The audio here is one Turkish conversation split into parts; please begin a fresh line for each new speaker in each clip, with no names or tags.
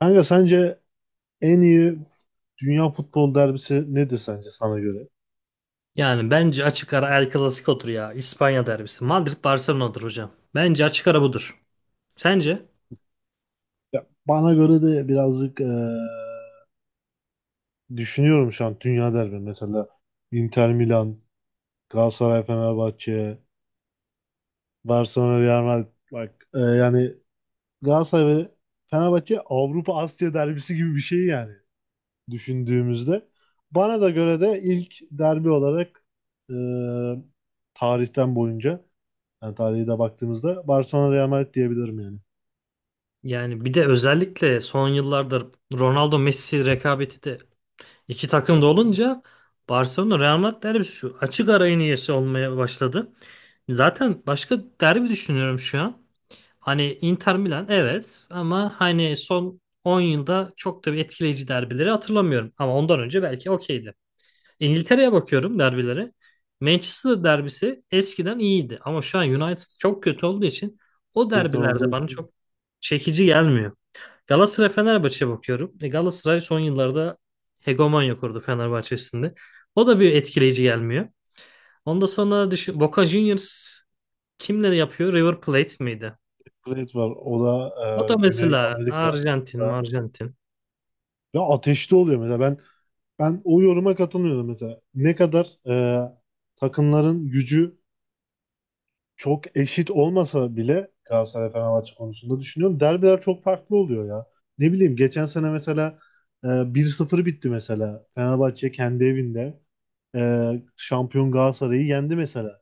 Kanka, sence en iyi dünya futbol derbisi nedir, sence sana göre?
Yani bence açık ara El Clasico'dur ya. İspanya derbisi. Madrid Barcelona'dır hocam. Bence açık ara budur. Sence?
Ya, bana göre de birazcık düşünüyorum şu an dünya derbi. Mesela Inter Milan, Galatasaray Fenerbahçe, Barcelona Real Madrid. Bak yani Galatasaray ve Fenerbahçe Avrupa Asya derbisi gibi bir şey yani düşündüğümüzde. Bana da göre de ilk derbi olarak eee, tarihten boyunca yani tarihe de baktığımızda Barcelona Real Madrid diyebilirim yani.
Yani bir de özellikle son yıllarda Ronaldo Messi rekabeti de iki takımda olunca Barcelona Real Madrid derbisi şu açık ara en iyisi olmaya başladı. Zaten başka derbi düşünüyorum şu an. Hani Inter Milan, evet, ama hani son 10 yılda çok da bir etkileyici derbileri hatırlamıyorum. Ama ondan önce belki okeydi. İngiltere'ye bakıyorum derbilere. Manchester derbisi eskiden iyiydi ama şu an United çok kötü olduğu için o
Kötü
derbilerde
olduğu
bana
için
çok çekici gelmiyor. Galatasaray Fenerbahçe'ye bakıyorum. E, Galatasaray son yıllarda hegemonya kurdu Fenerbahçe'sinde. O da bir etkileyici gelmiyor. Ondan sonra düşün, Boca Juniors kimleri yapıyor? River Plate miydi?
Blade var. O da
O da
Güney
mesela Arjantin,
Amerika'da
Arjantin.
ya ateşli oluyor mesela, ben o yoruma katılmıyorum mesela. Ne kadar takımların gücü çok eşit olmasa bile Galatasaray Fenerbahçe konusunda düşünüyorum. Derbiler çok farklı oluyor ya. Ne bileyim, geçen sene mesela 1-0 bitti mesela. Fenerbahçe kendi evinde e, şampiyon Galatasaray'ı yendi mesela.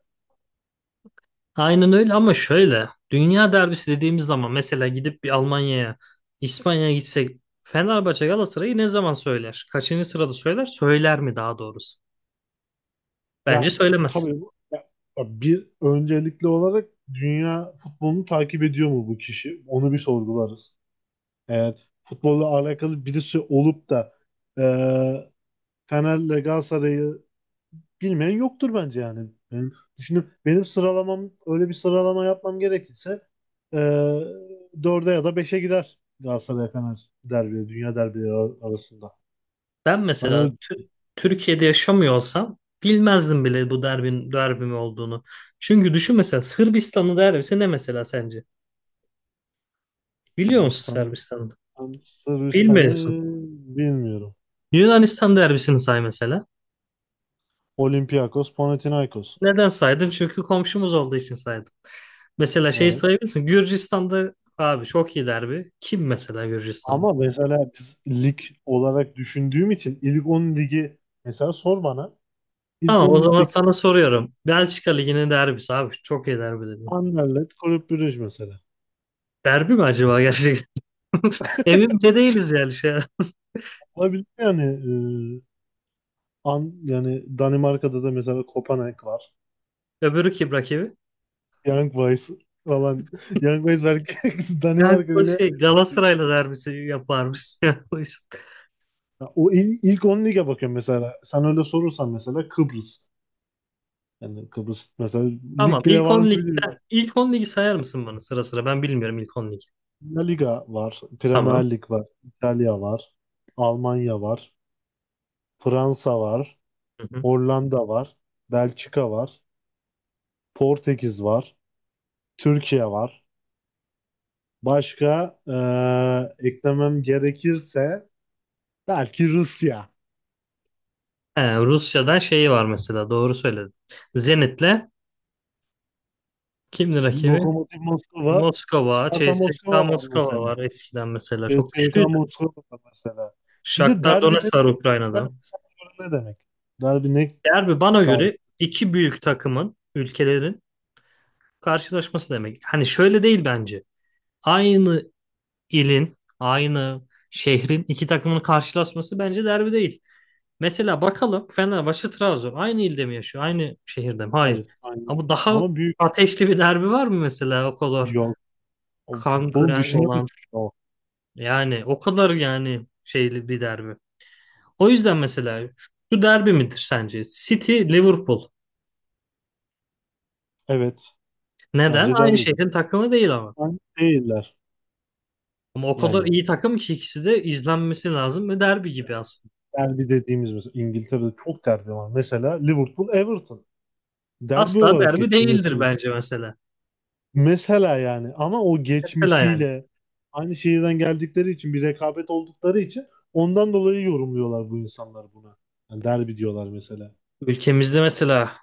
Aynen öyle, ama şöyle dünya derbisi dediğimiz zaman mesela gidip bir Almanya'ya, İspanya'ya gitsek Fenerbahçe Galatasaray'ı ne zaman söyler? Kaçıncı sırada söyler? Söyler mi daha doğrusu? Bence
Ya
söylemez.
tabii ya bir öncelikli olarak dünya futbolunu takip ediyor mu bu kişi? Onu bir sorgularız. Eğer futbolla alakalı birisi olup da e, Fener'le Galatasaray'ı bilmeyen yoktur bence yani. Benim, düşünüp benim sıralamam, öyle bir sıralama yapmam gerekirse e, 4'e ya da beşe gider Galatasaray Fener derbi, dünya derbileri arasında.
Ben
Ben
mesela
öyle.
Türkiye'de yaşamıyor olsam bilmezdim bile bu derbin derbi mi olduğunu. Çünkü düşün mesela Sırbistan'ın derbisi ne mesela sence? Biliyor musun
Sırbistan'ı
Sırbistan'ı?
Sırbistan'ı
Bilmiyorsun.
bilmiyorum.
Yunanistan derbisini say mesela.
Olympiakos, Panathinaikos.
Neden saydın? Çünkü komşumuz olduğu için saydın. Mesela şey
Evet.
sayabilirsin. Gürcistan'da abi çok iyi derbi. Kim mesela Gürcistan'da?
Ama mesela biz lig olarak düşündüğüm için ilk 10 ligi mesela sor bana. İlk
Tamam, o
10
zaman
ligdeki
sana soruyorum. Belçika Ligi'nin derbisi abi çok iyi derbi dedim.
Anderlecht, Kulüp Brugge mesela.
Derbi mi acaba gerçekten? Emin de değiliz yani şey.
Olabilir yani e, yani Danimarka'da da mesela Kopenhag var.
Öbürü kim rakibi?
Young Boys falan. Young Boys belki,
Yani
Danimarka
o
bile.
şey Galatasaray'la derbisi yaparmış. Yani o iş.
Ya, O ilk 10 lige bakıyorum mesela. Sen öyle sorursan mesela Kıbrıs. Yani Kıbrıs mesela
Tamam,
lig bile
ilk
var mı
10 ligden
bilmiyorum.
ilk 10 ligi sayar mısın bana sıra sıra? Ben bilmiyorum ilk 10 ligi.
La Liga var,
Tamam.
Premier Lig var, İtalya var, Almanya var, Fransa var,
Hı hı.
Hollanda var, Belçika var, Portekiz var, Türkiye var. Başka eklemem gerekirse belki Rusya,
He, Rusya'dan şeyi var mesela, doğru söyledin. Zenit'le kimdi rakibi?
Lokomotiv Moskova,
Moskova,
Sparta
CSKA
Moskova var
Moskova
mesela.
var eskiden mesela. Çok
CSKA
güçlüydü.
Moskova var mesela. Bir de
Shakhtar
derbi ne
Donetsk var
demek?
Ukrayna'da.
Yani sana göre ne demek? Derbi ne
Derbi bana
çağrıştı?
göre iki büyük takımın, ülkelerin karşılaşması demek. Hani şöyle değil bence. Aynı ilin, aynı şehrin iki takımın karşılaşması bence derbi değil. Mesela bakalım Fenerbahçe Trabzon aynı ilde mi yaşıyor? Aynı şehirde mi? Hayır.
Hayır, aynı.
Ama daha
Ama büyük.
ateşli bir derbi var mı mesela o kadar
O
kan
futbolun
kıran
dışına da
olan?
çıkıyor, o.
Yani o kadar yani şeyli bir derbi. O yüzden mesela şu derbi midir sence? City Liverpool.
Evet.
Neden?
Bence
Aynı
derbi değil.
şehrin takımı değil ama.
Bence değiller.
Ama o kadar
Yani
iyi takım ki ikisi de izlenmesi lazım ve derbi gibi aslında.
derbi dediğimiz, mesela İngiltere'de çok derbi var. Mesela Liverpool Everton. Derbi
Asla
olarak
derbi
geçiyor
değildir
mesela.
bence mesela.
Mesela yani, ama o
Mesela yani.
geçmişiyle aynı şehirden geldikleri için, bir rekabet oldukları için, ondan dolayı yorumluyorlar bu insanlar buna. Yani derbi diyorlar mesela.
Ülkemizde mesela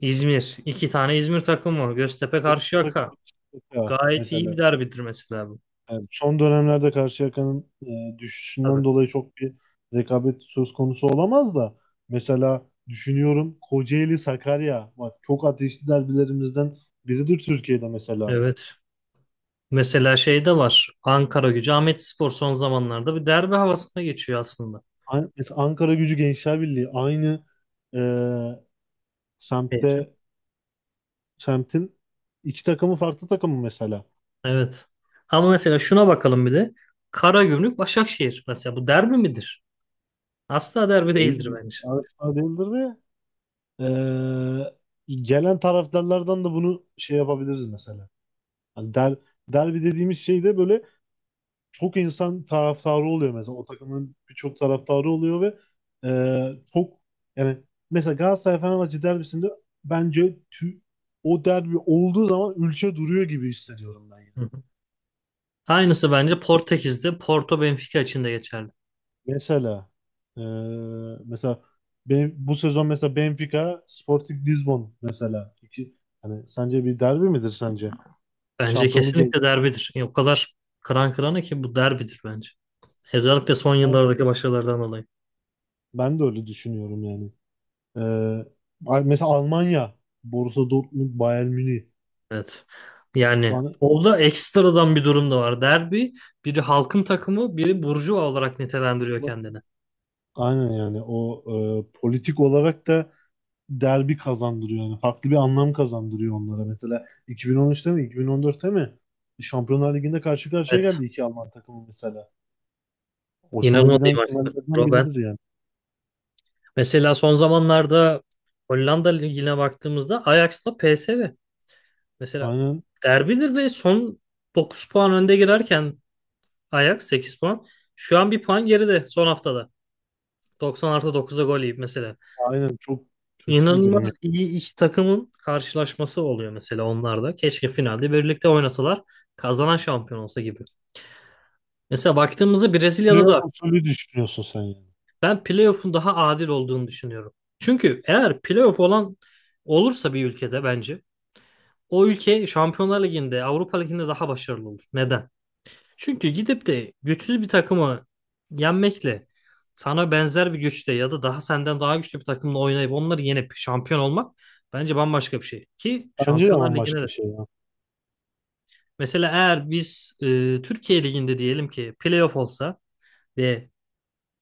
İzmir. İki tane İzmir takımı. Göztepe
Yoksa da
Karşıyaka.
karşılıklı ya
Gayet iyi
mesela.
bir derbidir mesela bu.
Evet, son dönemlerde Karşıyaka'nın
Tabii.
düşüşünden dolayı çok bir rekabet söz konusu olamaz da, mesela düşünüyorum, Kocaeli Sakarya bak çok ateşli derbilerimizden biridir Türkiye'de mesela.
Evet. Mesela şey de var. Ankara Gücü Ahmetspor son zamanlarda bir derbi havasına geçiyor aslında.
Mesela Ankara Gücü Gençler aynı e,
Evet.
semtte, semtin iki takımı, farklı takımı mesela.
Evet. Ama mesela şuna bakalım bir de. Karagümrük Başakşehir. Mesela bu derbi midir? Asla derbi değildir
Değil,
bence.
yarışlar değildir ve gelen taraftarlardan da bunu şey yapabiliriz mesela. Hani der, derbi dediğimiz şey de böyle çok insan taraftarı oluyor mesela. O takımın birçok taraftarı oluyor ve çok, yani mesela Galatasaray Fenerbahçe derbisinde bence o derbi olduğu zaman ülke duruyor gibi hissediyorum ben yani.
Hı hı. Aynısı bence
Çünkü
Portekiz'de Porto Benfica için de geçerli.
mesela e, mesela ben, bu sezon mesela Benfica Sporting Lisbon, mesela iki, hani sence bir derbi midir sence?
Bence
Şampiyonluk yarışı-
kesinlikle derbidir. Yani o kadar kıran kırana ki bu derbidir bence. Özellikle son yıllardaki başarılardan dolayı.
ben de öyle düşünüyorum yani. E, mesela Almanya Borussia Dortmund Bayern Münih
Evet. Yani
bana.
orada ekstradan bir durum da var. Derbi biri halkın takımı, biri burjuva olarak nitelendiriyor
Ba-
kendini.
Aynen, yani o politik olarak da derbi kazandırıyor, yani farklı bir anlam kazandırıyor onlara. Mesela 2013'te mi 2014'te mi Şampiyonlar Ligi'nde karşı karşıya
Evet.
geldi iki Alman takımı mesela. Hoşuma
İnanılmaz iyi
giden
maçtı.
finallerden
Robben.
biridir yani.
Mesela son zamanlarda Hollanda Ligi'ne baktığımızda Ajax'la PSV. Mesela
Aynen,
derbidir ve son 9 puan önde girerken Ajax 8 puan. Şu an bir puan geride son haftada. 90 artı 9'da gol yiyip mesela.
aynen, çok kötü bir durum. Yani.
İnanılmaz iyi iki takımın karşılaşması oluyor mesela onlarda. Keşke finalde birlikte oynasalar, kazanan şampiyon olsa gibi. Mesela baktığımızda Brezilya'da
Playoff
da
usulü düşünüyorsun sen yani.
ben playoff'un daha adil olduğunu düşünüyorum. Çünkü eğer playoff olan olursa bir ülkede bence o ülke Şampiyonlar Ligi'nde, Avrupa Ligi'nde daha başarılı olur. Neden? Çünkü gidip de güçsüz bir takımı yenmekle sana benzer bir güçte ya da daha senden daha güçlü bir takımla oynayıp onları yenip şampiyon olmak bence bambaşka bir şey. Ki
Bence de,
Şampiyonlar
ama
Ligi'ne
başka
de.
bir şey ya.
Mesela eğer biz Türkiye Ligi'nde diyelim ki playoff olsa ve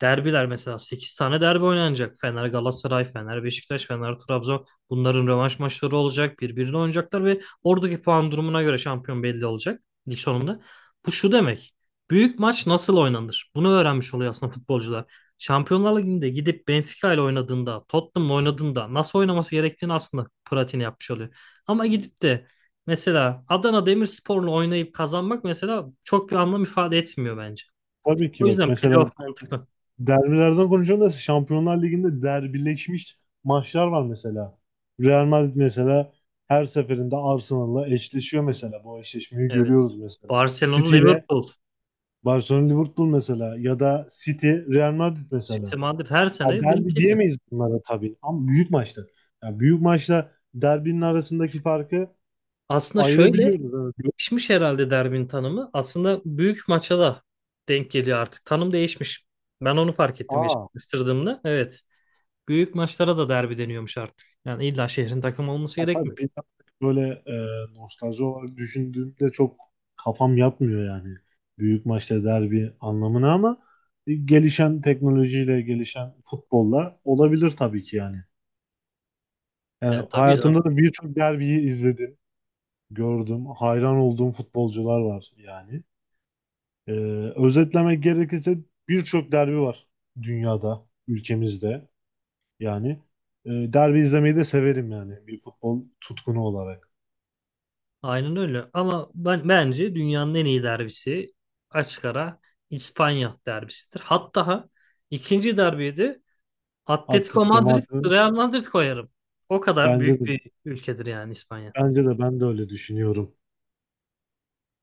Derbiler mesela 8 tane derbi oynanacak. Fener Galatasaray, Fener Beşiktaş, Fener Trabzon. Bunların rövanş maçları olacak. Birbirine oynayacaklar ve oradaki puan durumuna göre şampiyon belli olacak lig sonunda. Bu şu demek. Büyük maç nasıl oynanır? Bunu öğrenmiş oluyor aslında futbolcular. Şampiyonlar Ligi'nde gidip Benfica ile oynadığında, Tottenham'la oynadığında nasıl oynaması gerektiğini aslında pratiğini yapmış oluyor. Ama gidip de mesela Adana Demirspor'la oynayıp kazanmak mesela çok bir anlam ifade etmiyor bence.
Tabii ki
O
bak,
yüzden
mesela
playoff mantıklı.
derbilerden konuşalım da Şampiyonlar Ligi'nde derbileşmiş maçlar var mesela. Real Madrid mesela her seferinde Arsenal'la eşleşiyor mesela. Bu eşleşmeyi
Evet.
görüyoruz mesela.
Barcelona,
City ile
Liverpool,
Barcelona Liverpool mesela, ya da City Real Madrid
City,
mesela.
Madrid her
Ya,
sene denk
derbi
geliyor.
diyemeyiz bunlara tabii, ama büyük maçlar. Yani büyük maçla derbinin arasındaki farkı
Aslında şöyle
ayırabiliyoruz. Evet.
değişmiş herhalde derbinin tanımı. Aslında büyük maça da denk geliyor artık. Tanım değişmiş. Ben onu fark ettim geçen
Aa.
araştırdığımda. Evet. Büyük maçlara da derbi deniyormuş artık. Yani illa şehrin takımı olması
Ya
gerekmiyor.
tabii, bir yandan böyle nostalji olarak düşündüğümde çok kafam yatmıyor yani. Büyük maçta derbi anlamına, ama gelişen teknolojiyle, gelişen futbolla olabilir tabii ki yani.
Yani
Yani
tabii canım.
hayatımda da birçok derbiyi izledim, gördüm, hayran olduğum futbolcular var yani. E, özetlemek gerekirse birçok derbi var dünyada, ülkemizde yani. Derbi izlemeyi de severim yani bir futbol tutkunu olarak.
Aynen öyle. Ama ben bence dünyanın en iyi derbisi açık ara İspanya derbisidir. Hatta ikinci derbiyi de. Atletico
Atletico
Madrid,
Madrid.
Real Madrid koyarım. O kadar
Bence
büyük
de
bir ülkedir yani İspanya.
bence de, ben de öyle düşünüyorum.